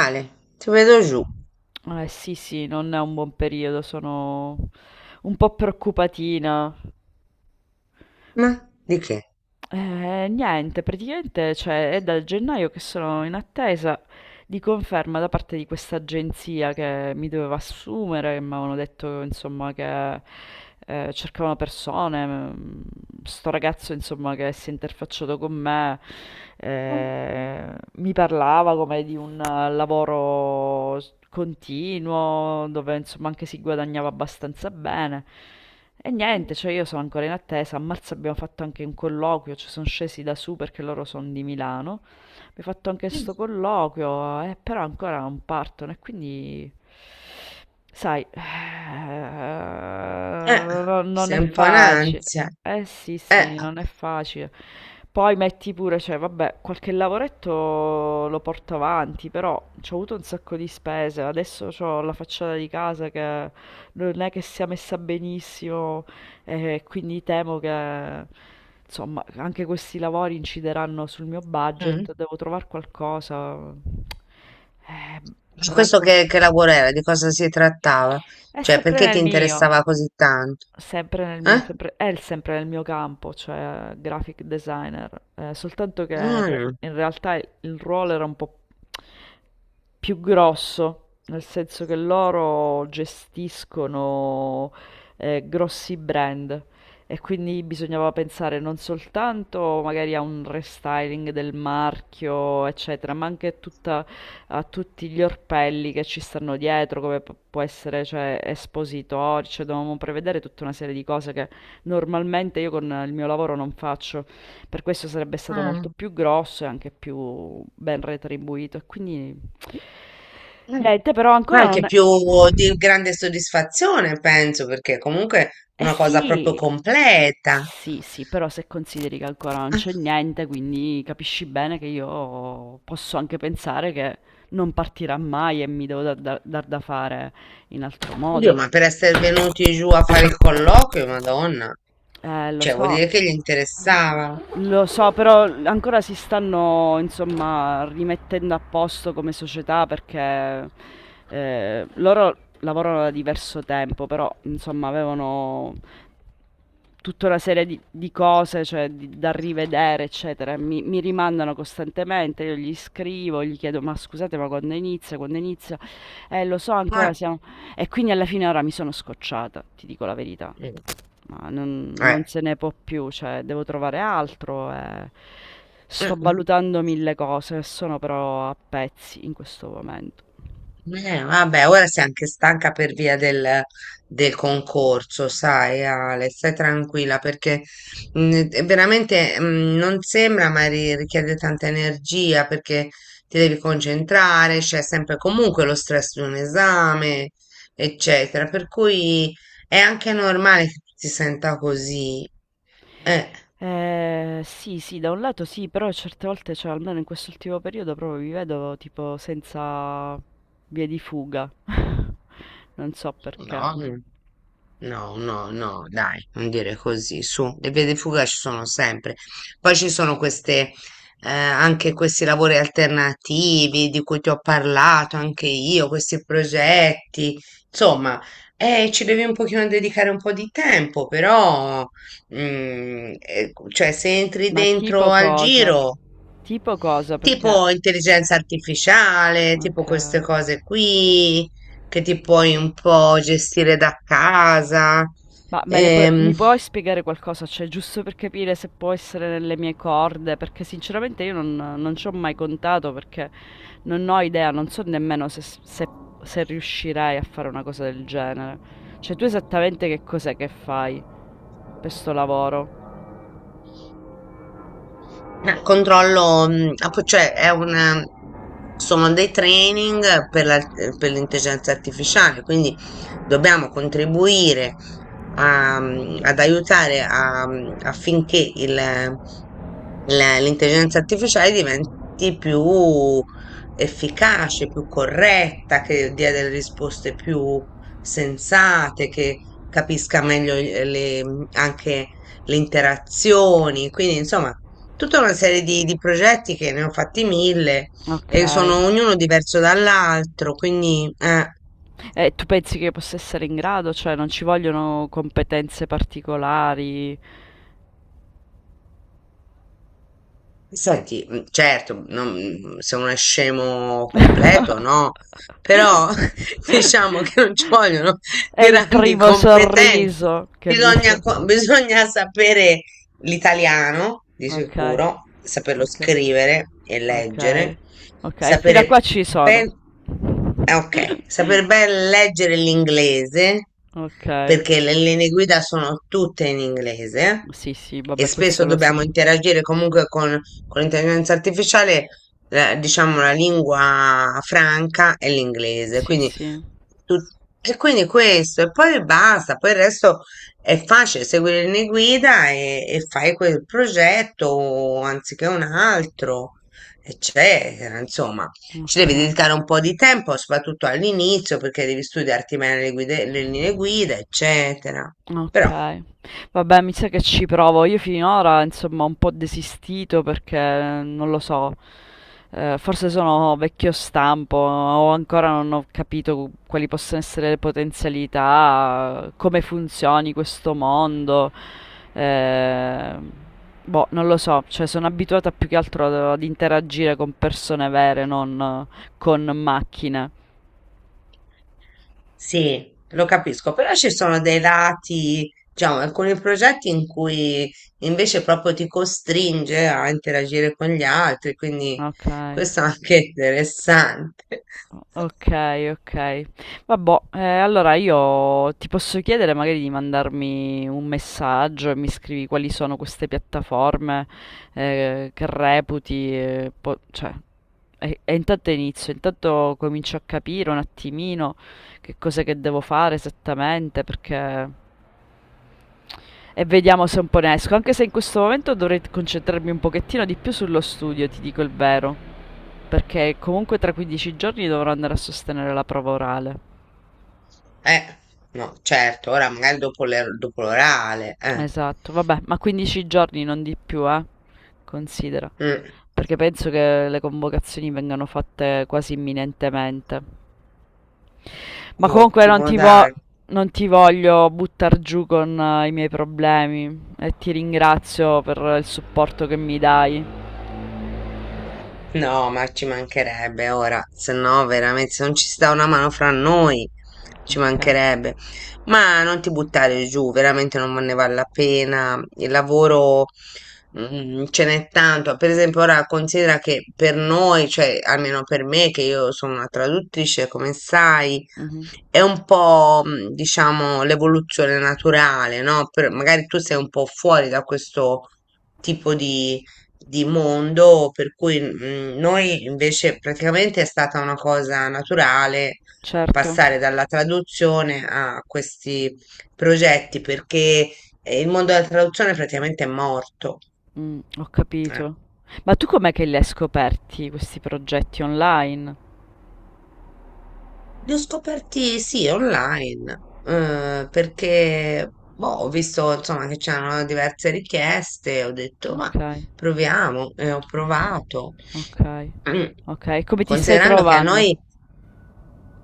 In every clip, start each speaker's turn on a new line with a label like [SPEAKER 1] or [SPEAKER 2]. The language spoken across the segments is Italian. [SPEAKER 1] Ale, ti vedo giù.
[SPEAKER 2] Eh sì, sì, non è un buon periodo, sono un po' preoccupatina.
[SPEAKER 1] Ma di che?
[SPEAKER 2] Niente, praticamente, cioè, è dal gennaio che sono in attesa di conferma da parte di questa agenzia che mi doveva assumere, che mi avevano detto, insomma, che cercavano persone. Sto ragazzo, insomma, che si è interfacciato con me, mi parlava come di un continuo, dove, insomma, anche si guadagnava abbastanza bene. E niente, cioè io sono ancora in attesa. A marzo abbiamo fatto anche un colloquio, ci sono scesi da su perché loro sono di Milano. Abbiamo fatto anche sto colloquio, però ancora non partono e quindi, sai,
[SPEAKER 1] Eh,
[SPEAKER 2] non è
[SPEAKER 1] Sei
[SPEAKER 2] È
[SPEAKER 1] un
[SPEAKER 2] vero.
[SPEAKER 1] po' in
[SPEAKER 2] Facile.
[SPEAKER 1] ansia.
[SPEAKER 2] Eh sì, sì,
[SPEAKER 1] Eh,
[SPEAKER 2] non è facile. Poi metti pure, cioè, vabbè, qualche lavoretto lo porto avanti, però ci ho avuto un sacco di spese. Adesso ho la facciata di casa che non è che sia messa benissimo, e quindi temo che insomma anche questi lavori incideranno sul mio
[SPEAKER 1] Mm.
[SPEAKER 2] budget, devo trovare qualcosa. Eh,
[SPEAKER 1] Su questo
[SPEAKER 2] rancor-
[SPEAKER 1] che lavoro era? Di cosa si trattava?
[SPEAKER 2] è
[SPEAKER 1] Cioè,
[SPEAKER 2] sempre
[SPEAKER 1] perché ti
[SPEAKER 2] nel mio,
[SPEAKER 1] interessava così tanto?
[SPEAKER 2] sempre nel mio,
[SPEAKER 1] Eh?
[SPEAKER 2] sempre- è il- sempre nel mio campo, cioè graphic designer, soltanto che
[SPEAKER 1] Mm.
[SPEAKER 2] in realtà il ruolo era un po' più grosso, nel senso che loro gestiscono grossi brand e quindi bisognava pensare non soltanto magari a un restyling del marchio, eccetera, ma anche tutta a tutti gli orpelli che ci stanno dietro, come può essere, cioè, espositori, cioè dovevamo prevedere tutta una serie di cose che normalmente io con il mio lavoro non faccio. Per questo sarebbe stato molto
[SPEAKER 1] Mm.
[SPEAKER 2] più grosso e anche più ben retribuito. E quindi
[SPEAKER 1] Eh,
[SPEAKER 2] niente, però ancora
[SPEAKER 1] Anche
[SPEAKER 2] non è...
[SPEAKER 1] più di grande soddisfazione, penso, perché comunque è
[SPEAKER 2] Eh
[SPEAKER 1] una cosa proprio
[SPEAKER 2] sì,
[SPEAKER 1] completa.
[SPEAKER 2] sì, sì, però se consideri che ancora non
[SPEAKER 1] Ah,
[SPEAKER 2] c'è niente, quindi capisci bene che io posso anche pensare che non partirà mai e mi devo dar da fare in altro
[SPEAKER 1] oddio,
[SPEAKER 2] modo.
[SPEAKER 1] ma per essere venuti giù a fare il colloquio, Madonna,
[SPEAKER 2] Eh, lo
[SPEAKER 1] cioè vuol
[SPEAKER 2] so,
[SPEAKER 1] dire che gli interessava.
[SPEAKER 2] lo so, però ancora si stanno, insomma, rimettendo a posto come società perché loro lavorano da diverso tempo, però, insomma, avevano tutta una serie di cose, cioè, da rivedere, eccetera. Mi rimandano costantemente, io gli scrivo, gli chiedo, ma scusate, ma quando inizia, quando inizia? Lo so,
[SPEAKER 1] Eh,
[SPEAKER 2] ancora siamo... E quindi alla fine ora mi sono scocciata, ti dico la verità.
[SPEAKER 1] mm,
[SPEAKER 2] Ma non
[SPEAKER 1] eh.
[SPEAKER 2] non se ne può più, cioè devo trovare altro e sto
[SPEAKER 1] Mm.
[SPEAKER 2] valutando mille cose, sono però a pezzi in questo momento.
[SPEAKER 1] Vabbè, ora sei anche stanca per via del, del concorso, sai, Ale, stai tranquilla perché è veramente non sembra, ma richiede tanta energia perché ti devi concentrare, c'è sempre comunque lo stress di un esame, eccetera. Per cui è anche normale che tu ti senta così. Eh.
[SPEAKER 2] Sì, sì, da un lato sì, però certe volte, cioè almeno in quest'ultimo periodo, proprio mi vedo tipo senza vie di fuga. Non so perché.
[SPEAKER 1] No, no, no, no, dai, non dire così, su, le vie di fuga ci sono sempre. Poi ci sono queste, anche questi lavori alternativi di cui ti ho parlato anche io, questi progetti, insomma, ci devi un pochino dedicare un po' di tempo, però, cioè, se entri
[SPEAKER 2] Ma
[SPEAKER 1] dentro
[SPEAKER 2] tipo
[SPEAKER 1] al
[SPEAKER 2] cosa?
[SPEAKER 1] giro
[SPEAKER 2] Tipo cosa? Perché...
[SPEAKER 1] tipo intelligenza artificiale, tipo
[SPEAKER 2] Ok.
[SPEAKER 1] queste cose qui che ti puoi un po' gestire da casa. Ehm,
[SPEAKER 2] Mi puoi spiegare qualcosa? Cioè, giusto per capire se può essere nelle mie corde, perché sinceramente io non, non ci ho mai contato, perché non ho idea, non so nemmeno se riuscirei a fare una cosa del genere. Cioè, tu esattamente che cos'è che fai per sto lavoro?
[SPEAKER 1] Controllo, cioè è un, sono dei training per per l'intelligenza artificiale, quindi dobbiamo contribuire a, ad aiutare a, affinché l'intelligenza artificiale diventi più efficace, più corretta, che dia delle risposte più sensate, che capisca meglio anche le interazioni. Quindi, insomma, tutta una serie di progetti che ne ho fatti mille
[SPEAKER 2] Ok.
[SPEAKER 1] e sono ognuno diverso dall'altro, quindi.
[SPEAKER 2] E tu pensi che io possa essere in grado? Cioè, non ci vogliono competenze particolari?
[SPEAKER 1] Senti, certo, non- se uno è scemo completo, no, però diciamo che non ci vogliono
[SPEAKER 2] È il
[SPEAKER 1] grandi
[SPEAKER 2] primo
[SPEAKER 1] competenze.
[SPEAKER 2] sorriso che mi sta...
[SPEAKER 1] Bisogna sapere l'italiano, di
[SPEAKER 2] Okay,
[SPEAKER 1] sicuro, saperlo
[SPEAKER 2] okay,
[SPEAKER 1] scrivere e leggere,
[SPEAKER 2] okay, okay, fino a qua
[SPEAKER 1] sapere
[SPEAKER 2] ci sono.
[SPEAKER 1] ben, ok, saper ben leggere l'inglese,
[SPEAKER 2] Okay,
[SPEAKER 1] perché le linee guida sono tutte in inglese
[SPEAKER 2] sì, sì,
[SPEAKER 1] e
[SPEAKER 2] vabbè
[SPEAKER 1] spesso
[SPEAKER 2] questo lo so.
[SPEAKER 1] dobbiamo interagire comunque con l'intelligenza artificiale, diciamo, la lingua franca è l'inglese,
[SPEAKER 2] Sì,
[SPEAKER 1] quindi
[SPEAKER 2] sì,
[SPEAKER 1] tut- e quindi questo, e poi basta, poi il resto è facile, segui le linee guida e fai quel progetto anziché un altro, eccetera, insomma ci devi
[SPEAKER 2] okay.
[SPEAKER 1] dedicare un po' di tempo, soprattutto all'inizio, perché devi studiarti bene le linee guida, eccetera. Però
[SPEAKER 2] Okay. Vabbè, mi sa che ci provo. Io finora, insomma, ho un po' desistito perché non lo so, forse sono vecchio stampo o ancora non ho capito quali possono essere le potenzialità, come funzioni questo mondo. Ehm, boh, non lo so, cioè sono abituata più che altro ad interagire con persone vere, non con macchine.
[SPEAKER 1] sì, lo capisco, però ci sono dei lati, diciamo, alcuni progetti in cui invece proprio ti costringe a interagire con gli altri, quindi
[SPEAKER 2] Okay.
[SPEAKER 1] questo è anche interessante.
[SPEAKER 2] Ok, ok. Vabbè, allora io ti posso chiedere magari di mandarmi un messaggio e mi scrivi quali sono queste piattaforme che reputi, cioè, e intanto inizio, intanto comincio a capire un attimino che cos'è che devo fare esattamente, perché... E vediamo se un po' ne esco, anche se in questo momento dovrei concentrarmi un pochettino di più sullo studio, ti dico il vero. Perché comunque tra 15 giorni dovrò andare a sostenere la prova orale.
[SPEAKER 1] Eh, no, certo, ora magari dopo dopo l'orale, eh.
[SPEAKER 2] Esatto, vabbè, ma 15 giorni non di più, eh? Considera.
[SPEAKER 1] Mm,
[SPEAKER 2] Perché penso che le convocazioni vengano fatte quasi imminentemente. Ma comunque
[SPEAKER 1] ottimo, dai.
[SPEAKER 2] non ti voglio buttar giù con i miei problemi e ti ringrazio per il supporto che mi dai.
[SPEAKER 1] No, ma ci mancherebbe ora, se no veramente, se non ci sta una mano fra noi, ci
[SPEAKER 2] Ok.
[SPEAKER 1] mancherebbe. Ma non ti buttare giù, veramente non ne vale la pena. Il lavoro, ce n'è tanto. Per esempio, ora considera che per noi, cioè almeno per me, che io sono una traduttrice, come sai,
[SPEAKER 2] Mhm.
[SPEAKER 1] è un po', diciamo, l'evoluzione naturale, no? Per- magari tu sei un po' fuori da questo tipo di mondo, per cui noi invece praticamente è stata una cosa naturale
[SPEAKER 2] Certo.
[SPEAKER 1] passare dalla traduzione a questi progetti perché il mondo della traduzione praticamente è morto.
[SPEAKER 2] Mm, ho
[SPEAKER 1] Eh.
[SPEAKER 2] capito. Ma tu com'è che li hai scoperti questi progetti online?
[SPEAKER 1] Li ho scoperti sì, online, perché boh, ho visto insomma che c'erano diverse richieste, ho detto ma
[SPEAKER 2] Okay,
[SPEAKER 1] proviamo e ho
[SPEAKER 2] okay,
[SPEAKER 1] provato.
[SPEAKER 2] okay,
[SPEAKER 1] Mm.
[SPEAKER 2] okay. Come ti stai
[SPEAKER 1] Considerando che a
[SPEAKER 2] trovando?
[SPEAKER 1] noi,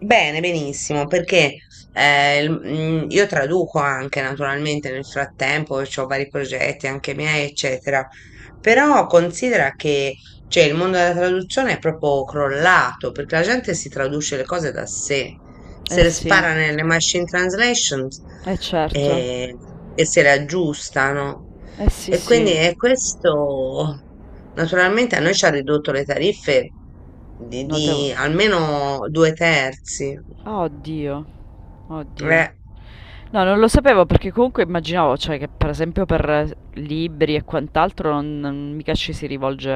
[SPEAKER 1] bene, benissimo, perché io traduco anche naturalmente nel frattempo, ho vari progetti anche miei, eccetera, però considera che cioè, il mondo della traduzione è proprio crollato, perché la gente si traduce le cose da sé, se
[SPEAKER 2] Eh
[SPEAKER 1] le
[SPEAKER 2] sì,
[SPEAKER 1] spara nelle machine translations
[SPEAKER 2] eh certo,
[SPEAKER 1] eh, e se le aggiustano.
[SPEAKER 2] eh sì,
[SPEAKER 1] E quindi
[SPEAKER 2] sì,
[SPEAKER 1] è questo. Naturalmente a noi ci ha ridotto le tariffe
[SPEAKER 2] notevo.
[SPEAKER 1] di almeno due terzi.
[SPEAKER 2] Ah, oddio, oddio.
[SPEAKER 1] Eh,
[SPEAKER 2] No, non lo sapevo perché comunque immaginavo, cioè, che per esempio per libri e quant'altro non, mica ci si rivolge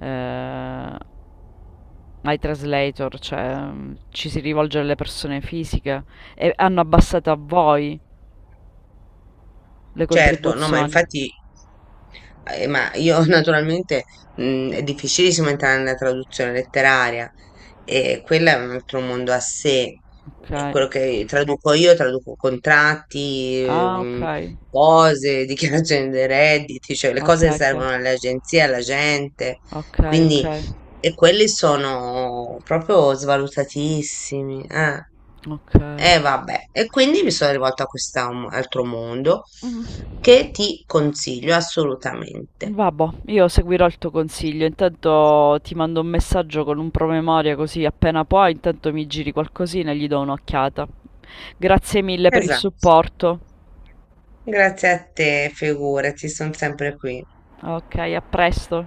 [SPEAKER 2] eh, ai translator, cioè mm, ci si rivolge alle persone fisiche e hanno abbassato a voi le
[SPEAKER 1] Certo, no, ma
[SPEAKER 2] contribuzioni.
[SPEAKER 1] infatti, ma io naturalmente è difficilissimo entrare nella traduzione letteraria e quella è un altro mondo a sé.
[SPEAKER 2] Ok.
[SPEAKER 1] E quello che traduco io, traduco contratti,
[SPEAKER 2] Ah, okay.
[SPEAKER 1] cose, dichiarazioni dei redditi, cioè le
[SPEAKER 2] Okay,
[SPEAKER 1] cose che
[SPEAKER 2] okay.
[SPEAKER 1] servono alle agenzie, alla gente.
[SPEAKER 2] Okay,
[SPEAKER 1] Quindi,
[SPEAKER 2] okay.
[SPEAKER 1] e quelli sono proprio svalutatissimi. Eh.
[SPEAKER 2] Okay.
[SPEAKER 1] E vabbè, e quindi mi sono rivolta a questo altro mondo
[SPEAKER 2] Mh.
[SPEAKER 1] che ti consiglio assolutamente.
[SPEAKER 2] Vabbò, io seguirò il tuo consiglio. Intanto ti mando un messaggio con un promemoria così appena puoi, intanto mi giri qualcosina e gli do un'occhiata. Grazie mille per il
[SPEAKER 1] Esatto.
[SPEAKER 2] supporto.
[SPEAKER 1] Grazie a te, figurati, sono sempre qui.
[SPEAKER 2] Ok, a presto.